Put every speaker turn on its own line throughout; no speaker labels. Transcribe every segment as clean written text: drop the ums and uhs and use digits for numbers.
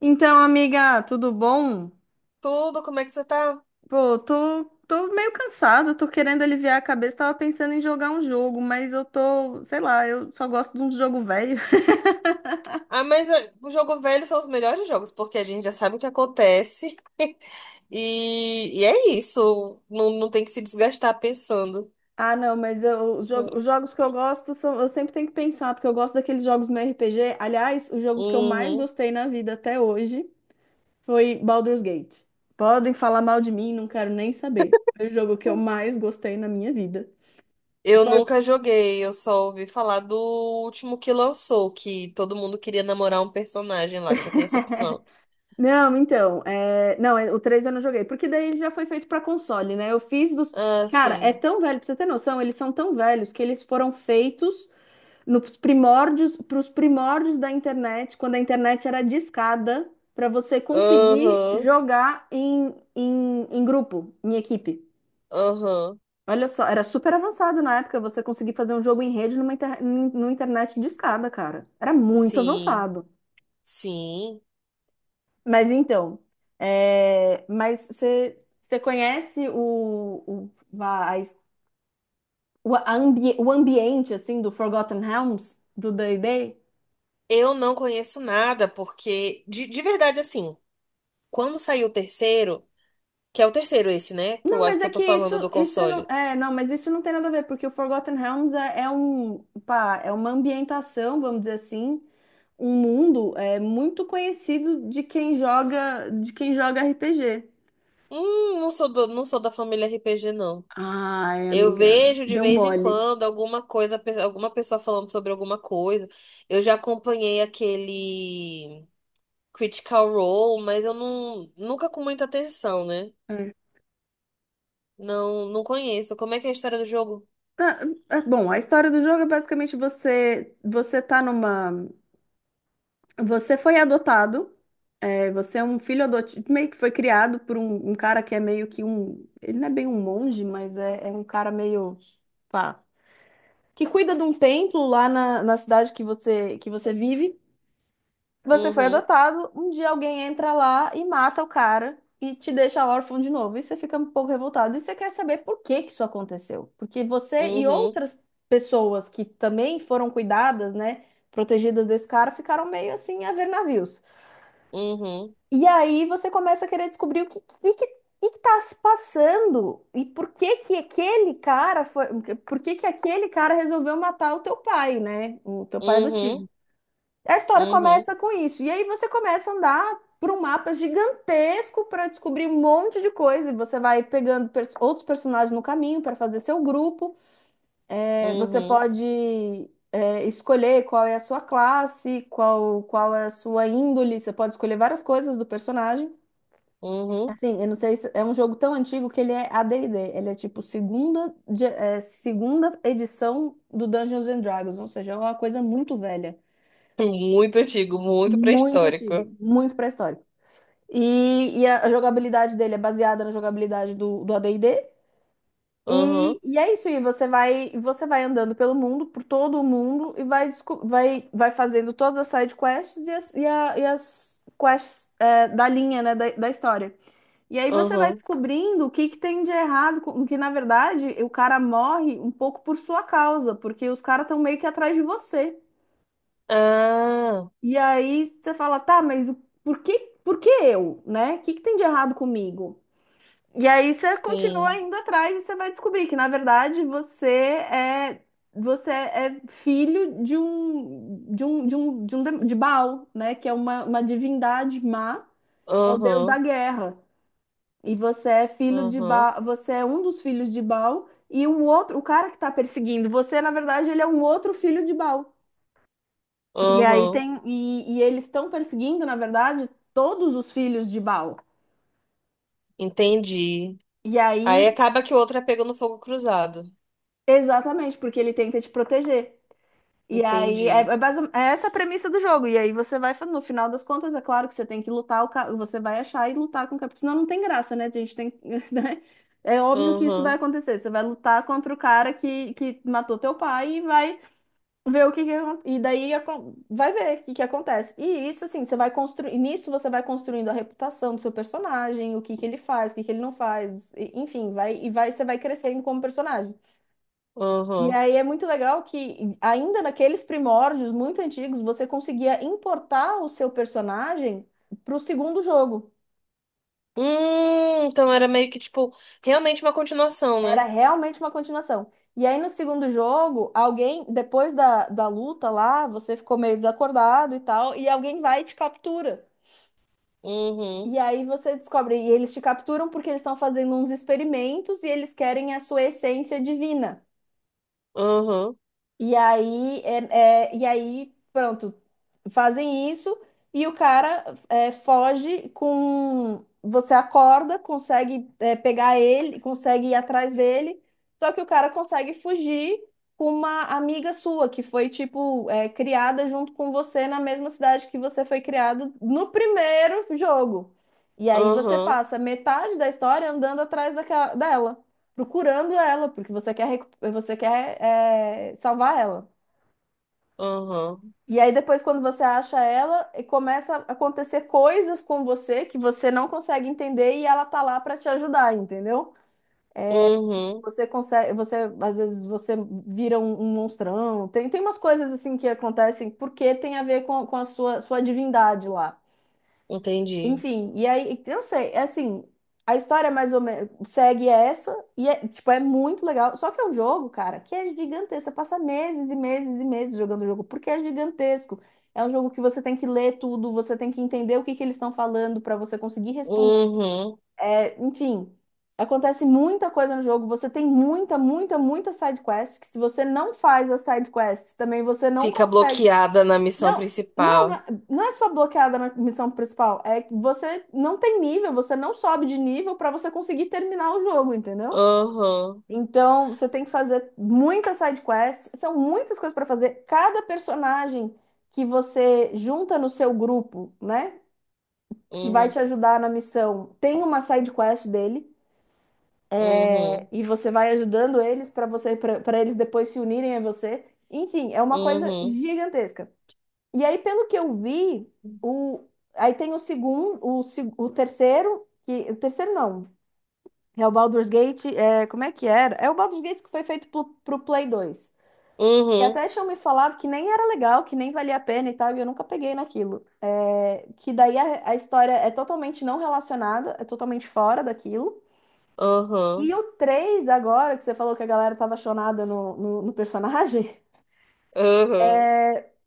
Então, amiga, tudo bom?
Tudo, como é que você tá?
Pô, tô meio cansada, tô querendo aliviar a cabeça. Tava pensando em jogar um jogo, mas eu tô, sei lá, eu só gosto de um jogo velho.
Ah, mas o jogo velho são os melhores jogos, porque a gente já sabe o que acontece. E é isso. Não, não tem que se desgastar pensando.
Ah, não, mas eu, os jogos que eu gosto são, eu sempre tenho que pensar, porque eu gosto daqueles jogos meio RPG. Aliás, o jogo que eu mais
Uhum.
gostei na vida até hoje foi Baldur's Gate. Podem falar mal de mim, não quero nem saber. Foi o jogo que eu mais gostei na minha vida.
Eu
Foi.
nunca joguei, eu só ouvi falar do último que lançou, que todo mundo queria namorar um personagem lá, que tem essa opção.
Não, então, é... não, é- o 3 eu não joguei, porque daí ele já foi feito pra console, né? Eu fiz dos.
Ah,
Cara, é
sim.
tão velho, pra você ter noção, eles são tão velhos que eles foram feitos nos primórdios, pros primórdios da internet, quando a internet era discada, pra você conseguir
Aham,
jogar em grupo, em equipe.
aham.
Olha só, era super avançado na época você conseguir fazer um jogo em rede numa internet discada, cara. Era muito
Sim,
avançado.
sim.
Mas então, é, mas você conhece o ambiente assim do Forgotten Realms do D&D?
Eu não conheço nada, porque, de verdade, assim, quando saiu o terceiro. Que é o terceiro esse, né? Que eu
Não,
acho
mas
que
é
eu tô
que isso
falando do
isso não
console.
é não, mas isso não tem nada a ver, porque o Forgotten Realms é, é um pá, é uma ambientação, vamos dizer assim, um mundo é muito conhecido de quem joga RPG.
Não sou da família RPG, não.
Ai,
Eu
amiga,
vejo de
deu
vez em
mole.
quando alguma coisa, alguma pessoa falando sobre alguma coisa. Eu já acompanhei aquele Critical Role, mas eu não, nunca com muita atenção, né? Não, não conheço. Como é que é a história do jogo?
Ah, ah, bom, a história do jogo é basicamente você tá numa, você foi adotado, é, você é um filho adotivo, meio que foi criado por um cara que é meio que um, ele não é bem um monge, mas é, é um cara meio pá, que cuida de um templo lá na cidade que você vive. Você foi
Uhum,
adotado, um dia alguém entra lá e mata o cara e te deixa órfão de novo. E você fica um pouco revoltado. E você quer saber por que que isso aconteceu. Porque você e
uhum,
outras pessoas que também foram cuidadas, né, protegidas desse cara, ficaram meio assim a ver navios.
uhum,
E aí você começa a querer descobrir o que, que tá se passando e por que que aquele cara resolveu matar o teu pai, né? O teu pai adotivo.
uhum,
A história
uhum,
começa com isso. E aí você começa a andar por um mapa gigantesco para descobrir um monte de coisa. E você vai pegando outros personagens no caminho para fazer seu grupo. É, você
uhum,
pode é, escolher qual é a sua classe, qual é a sua índole. Você pode escolher várias coisas do personagem.
uhum.
Assim, eu não sei se é um jogo tão antigo que ele é AD&D. Ele é tipo segunda edição do Dungeons and Dragons. Ou seja, é uma coisa muito velha.
Muito antigo, muito
Muito antigo,
pré-histórico.
muito pré-histórico. E a jogabilidade dele é baseada na jogabilidade do AD&D. E, D. E
Aham,
e é isso, e você vai andando pelo mundo, por todo o mundo, e vai fazendo todas as side quests e e as quests é, da linha, né, da história. E aí você vai
aham.
descobrindo o que, que tem de errado, que na verdade o cara morre um pouco por sua causa, porque os caras estão meio que atrás de você.
Ah,
E aí você fala, tá, por por que eu, né? O que, que tem de errado comigo? E aí você continua
sim.
indo atrás e você vai descobrir que, na verdade, você é filho de um de um de um de, um dem- de Baal, né? Que é uma divindade má, é o deus da
Uhum,
guerra. E você é filho de
uhum,
Baal, você é um dos filhos de Baal e o outro, o cara que está perseguindo você, na verdade, ele é um outro filho de Baal. E aí
uhum.
tem, e eles estão perseguindo, na verdade, todos os filhos de Baal.
Entendi.
E
Aí
aí,
acaba que o outro é pego no fogo cruzado.
exatamente, porque ele tenta te proteger. E aí, é,
Entendi.
é essa a premissa do jogo. E aí no final das contas, é claro que você tem que lutar, você vai achar e lutar com o capitão. Senão não tem graça, né? A gente tem, né? É óbvio que isso vai
Uhum,
acontecer. Você vai lutar contra o cara que matou teu pai e vai ver o que, vai ver o que, que acontece. E isso assim, nisso você vai construindo a reputação do seu personagem, o que que ele faz, o que que ele não faz, enfim, vai e vai você vai crescendo como personagem. E
uhum.
aí é muito legal que, ainda naqueles primórdios muito antigos, você conseguia importar o seu personagem para o segundo jogo.
Então era meio que, tipo, realmente uma continuação,
Era
né?
realmente uma continuação. E aí no segundo jogo, alguém, depois da luta lá, você ficou meio desacordado e tal, e alguém vai e te captura.
Uhum,
E aí você descobre, e eles te capturam porque eles estão fazendo uns experimentos e eles querem a sua essência divina.
uhum,
E aí, é, é, e aí, pronto, fazem isso e o cara é, foge com. Você acorda, consegue é, pegar ele, consegue ir atrás dele, só que o cara consegue fugir com uma amiga sua, que foi, tipo, é, criada junto com você na mesma cidade que você foi criado no primeiro jogo. E aí você
uhum,
passa metade da história andando atrás daquela, dela, procurando ela, porque você quer, você quer é, salvar ela.
uhum,
E aí depois, quando você acha ela, e começa a acontecer coisas com você que você não consegue entender, e ela tá lá pra te ajudar, entendeu?
uhum.
Você consegue, você às vezes você vira um, um monstrão. Tem umas coisas assim que acontecem porque tem a ver com a sua, sua divindade lá.
Entendi.
Enfim, e aí, eu não sei, é assim, a história mais ou menos segue essa, e é, tipo, é muito legal. Só que é um jogo, cara, que é gigantesco. Você passa meses e meses e meses jogando o jogo, porque é gigantesco. É um jogo que você tem que ler tudo, você tem que entender o que que eles estão falando para você conseguir responder.
Uhum.
É, enfim, acontece muita coisa no jogo. Você tem muita side quest, que se você não faz as side quests, também você não
Fica
consegue.
bloqueada na missão
Não, não,
principal.
não é só bloqueada na missão principal, é que você não tem nível, você não sobe de nível para você conseguir terminar o jogo, entendeu?
Uhum,
Então, você tem que fazer muitas side quests, são muitas coisas para fazer. Cada personagem que você junta no seu grupo, né, que vai te
uhum,
ajudar na missão, tem uma side quest dele é,
uhum,
e você vai ajudando eles para eles depois se unirem a você. Enfim, é uma coisa
uhum,
gigantesca. E aí, pelo que eu vi, o... aí tem o segundo, o, se- o terceiro, que... o terceiro não, é o Baldur's Gate, é... como é que era? É o Baldur's Gate que foi feito pro Play 2. E
uhum,
até tinham me falado que nem era legal, que nem valia a pena e tal, e eu nunca peguei naquilo. É. Que daí a história é totalmente não relacionada, é totalmente fora daquilo. E
uhum.
o 3 agora, que você falou que a galera tava chonada no personagem,
Aham.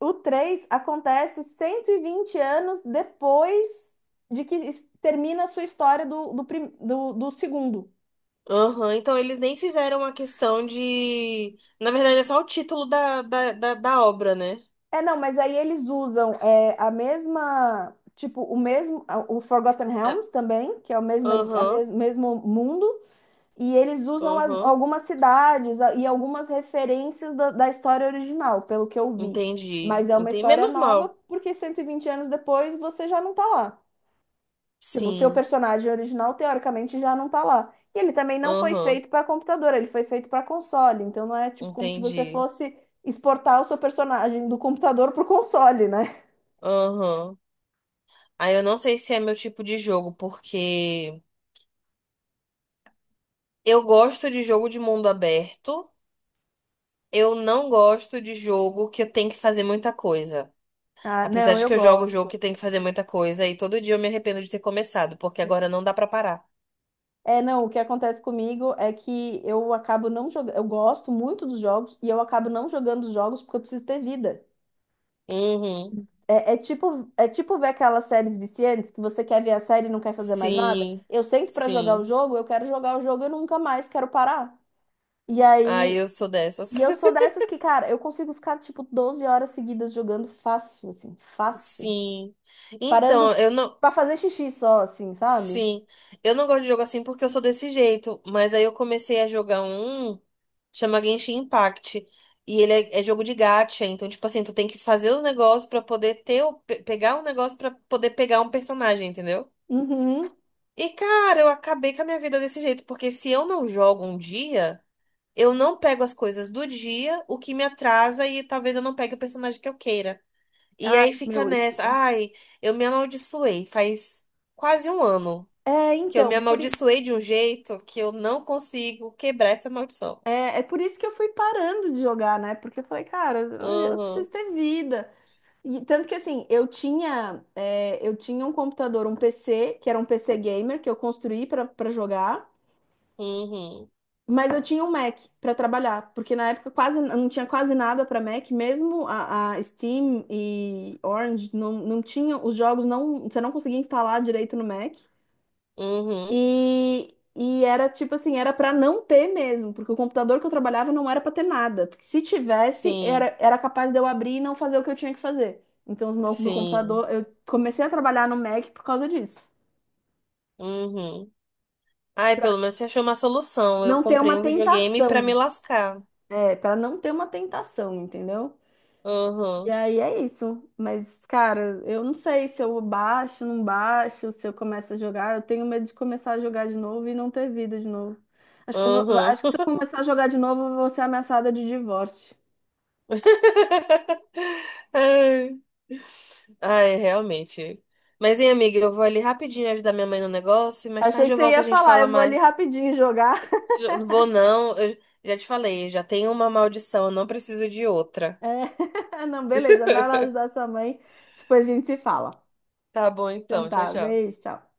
o 3 acontece 120 anos depois de termina a sua história do segundo.
Aham. Então eles nem fizeram a questão de. Na verdade, é só o título da obra, né?
É, não, mas aí eles usam é, a mesma, tipo, o Forgotten
É.
Realms também, que é o mesmo,
Aham.
mesmo mundo, e eles usam
Aham.
algumas cidades e algumas referências da história original, pelo que eu vi.
Entendi.
Mas é uma
Entendi.
história
Menos
nova,
mal.
porque 120 anos depois você já não tá lá. Tipo, o seu
Sim.
personagem original, teoricamente, já não tá lá. E ele também não foi
Aham.
feito para computador, ele foi feito para console. Então não é tipo como se você
Entendi.
fosse exportar o seu personagem do computador pro console, né?
Aham. Aí eu não sei se é meu tipo de jogo, porque eu gosto de jogo de mundo aberto. Eu não gosto de jogo que eu tenho que fazer muita coisa.
Ah,
Apesar
não,
de
eu
que eu jogo
gosto.
jogo que tem que fazer muita coisa e todo dia eu me arrependo de ter começado, porque agora não dá pra parar.
É, não, o que acontece comigo é que eu acabo não jogando. Eu gosto muito dos jogos e eu acabo não jogando os jogos porque eu preciso ter vida.
Uhum.
É, é tipo ver aquelas séries viciantes que você quer ver a série e não quer fazer mais nada.
Sim,
Eu sento pra jogar o
sim.
jogo, eu quero jogar o jogo e nunca mais quero parar. E
Ah,
aí.
eu sou dessas.
E eu sou dessas que, cara, eu consigo ficar, tipo, 12 horas seguidas jogando fácil, assim, fácil.
Sim.
Parando
Então, eu não.
pra fazer xixi só, assim, sabe?
Sim. Eu não gosto de jogo assim porque eu sou desse jeito. Mas aí eu comecei a jogar um, chama Genshin Impact. E ele é jogo de gacha. Então, tipo assim, tu tem que fazer os negócios pra poder Pegar um negócio pra poder pegar um personagem, entendeu?
Uhum.
E, cara, eu acabei com a minha vida desse jeito. Porque se eu não jogo um dia. Eu não pego as coisas do dia, o que me atrasa e talvez eu não pegue o personagem que eu queira. E
Ai,
aí fica
meu, isso.
nessa, ai, eu me amaldiçoei. Faz quase um ano
É,
que eu me
então,
amaldiçoei de um jeito que eu não consigo quebrar essa maldição.
é, é por isso que eu fui parando de jogar, né? Porque eu falei, cara, eu
Uhum,
preciso ter vida. E tanto que, assim, eu tinha, é, eu tinha um computador, um PC, que era um PC gamer, que eu construí pra jogar.
uhum,
Mas eu tinha um Mac para trabalhar, porque na época quase não tinha quase nada para Mac, mesmo a Steam e Orange não, não tinham os jogos não, você não conseguia instalar direito no Mac.
uhum,
E era tipo assim, era para não ter mesmo, porque o computador que eu trabalhava não era para ter nada, porque se tivesse,
sim,
era, era capaz de eu abrir e não fazer o que eu tinha que fazer. Então, meu
sim,
computador, eu comecei a trabalhar no Mac por causa disso.
uhum. Ai, pelo menos você achou uma solução. Eu
Não ter uma
comprei um videogame pra me
tentação,
lascar.
é, para não ter uma tentação, entendeu? E
Uhum,
aí é isso. Mas, cara, eu não sei se eu baixo, não baixo, se eu começo a jogar. Eu tenho medo de começar a jogar de novo e não ter vida de novo.
uhum.
Acho que se eu começar a jogar de novo, eu vou ser ameaçada de divórcio.
Ai, ai, realmente. Mas, hein, amiga, eu vou ali rapidinho ajudar minha mãe no negócio e mais
Achei
tarde
que
eu
você
volto e a
ia
gente
falar, eu
fala
vou ali
mais.
rapidinho jogar.
Não vou não, eu já te falei, já tenho uma maldição, eu não preciso de outra.
É. Não, beleza, vai lá ajudar sua mãe. Depois a gente se fala.
Tá bom
Então
então, tchau,
tá,
tchau.
beijo, tchau.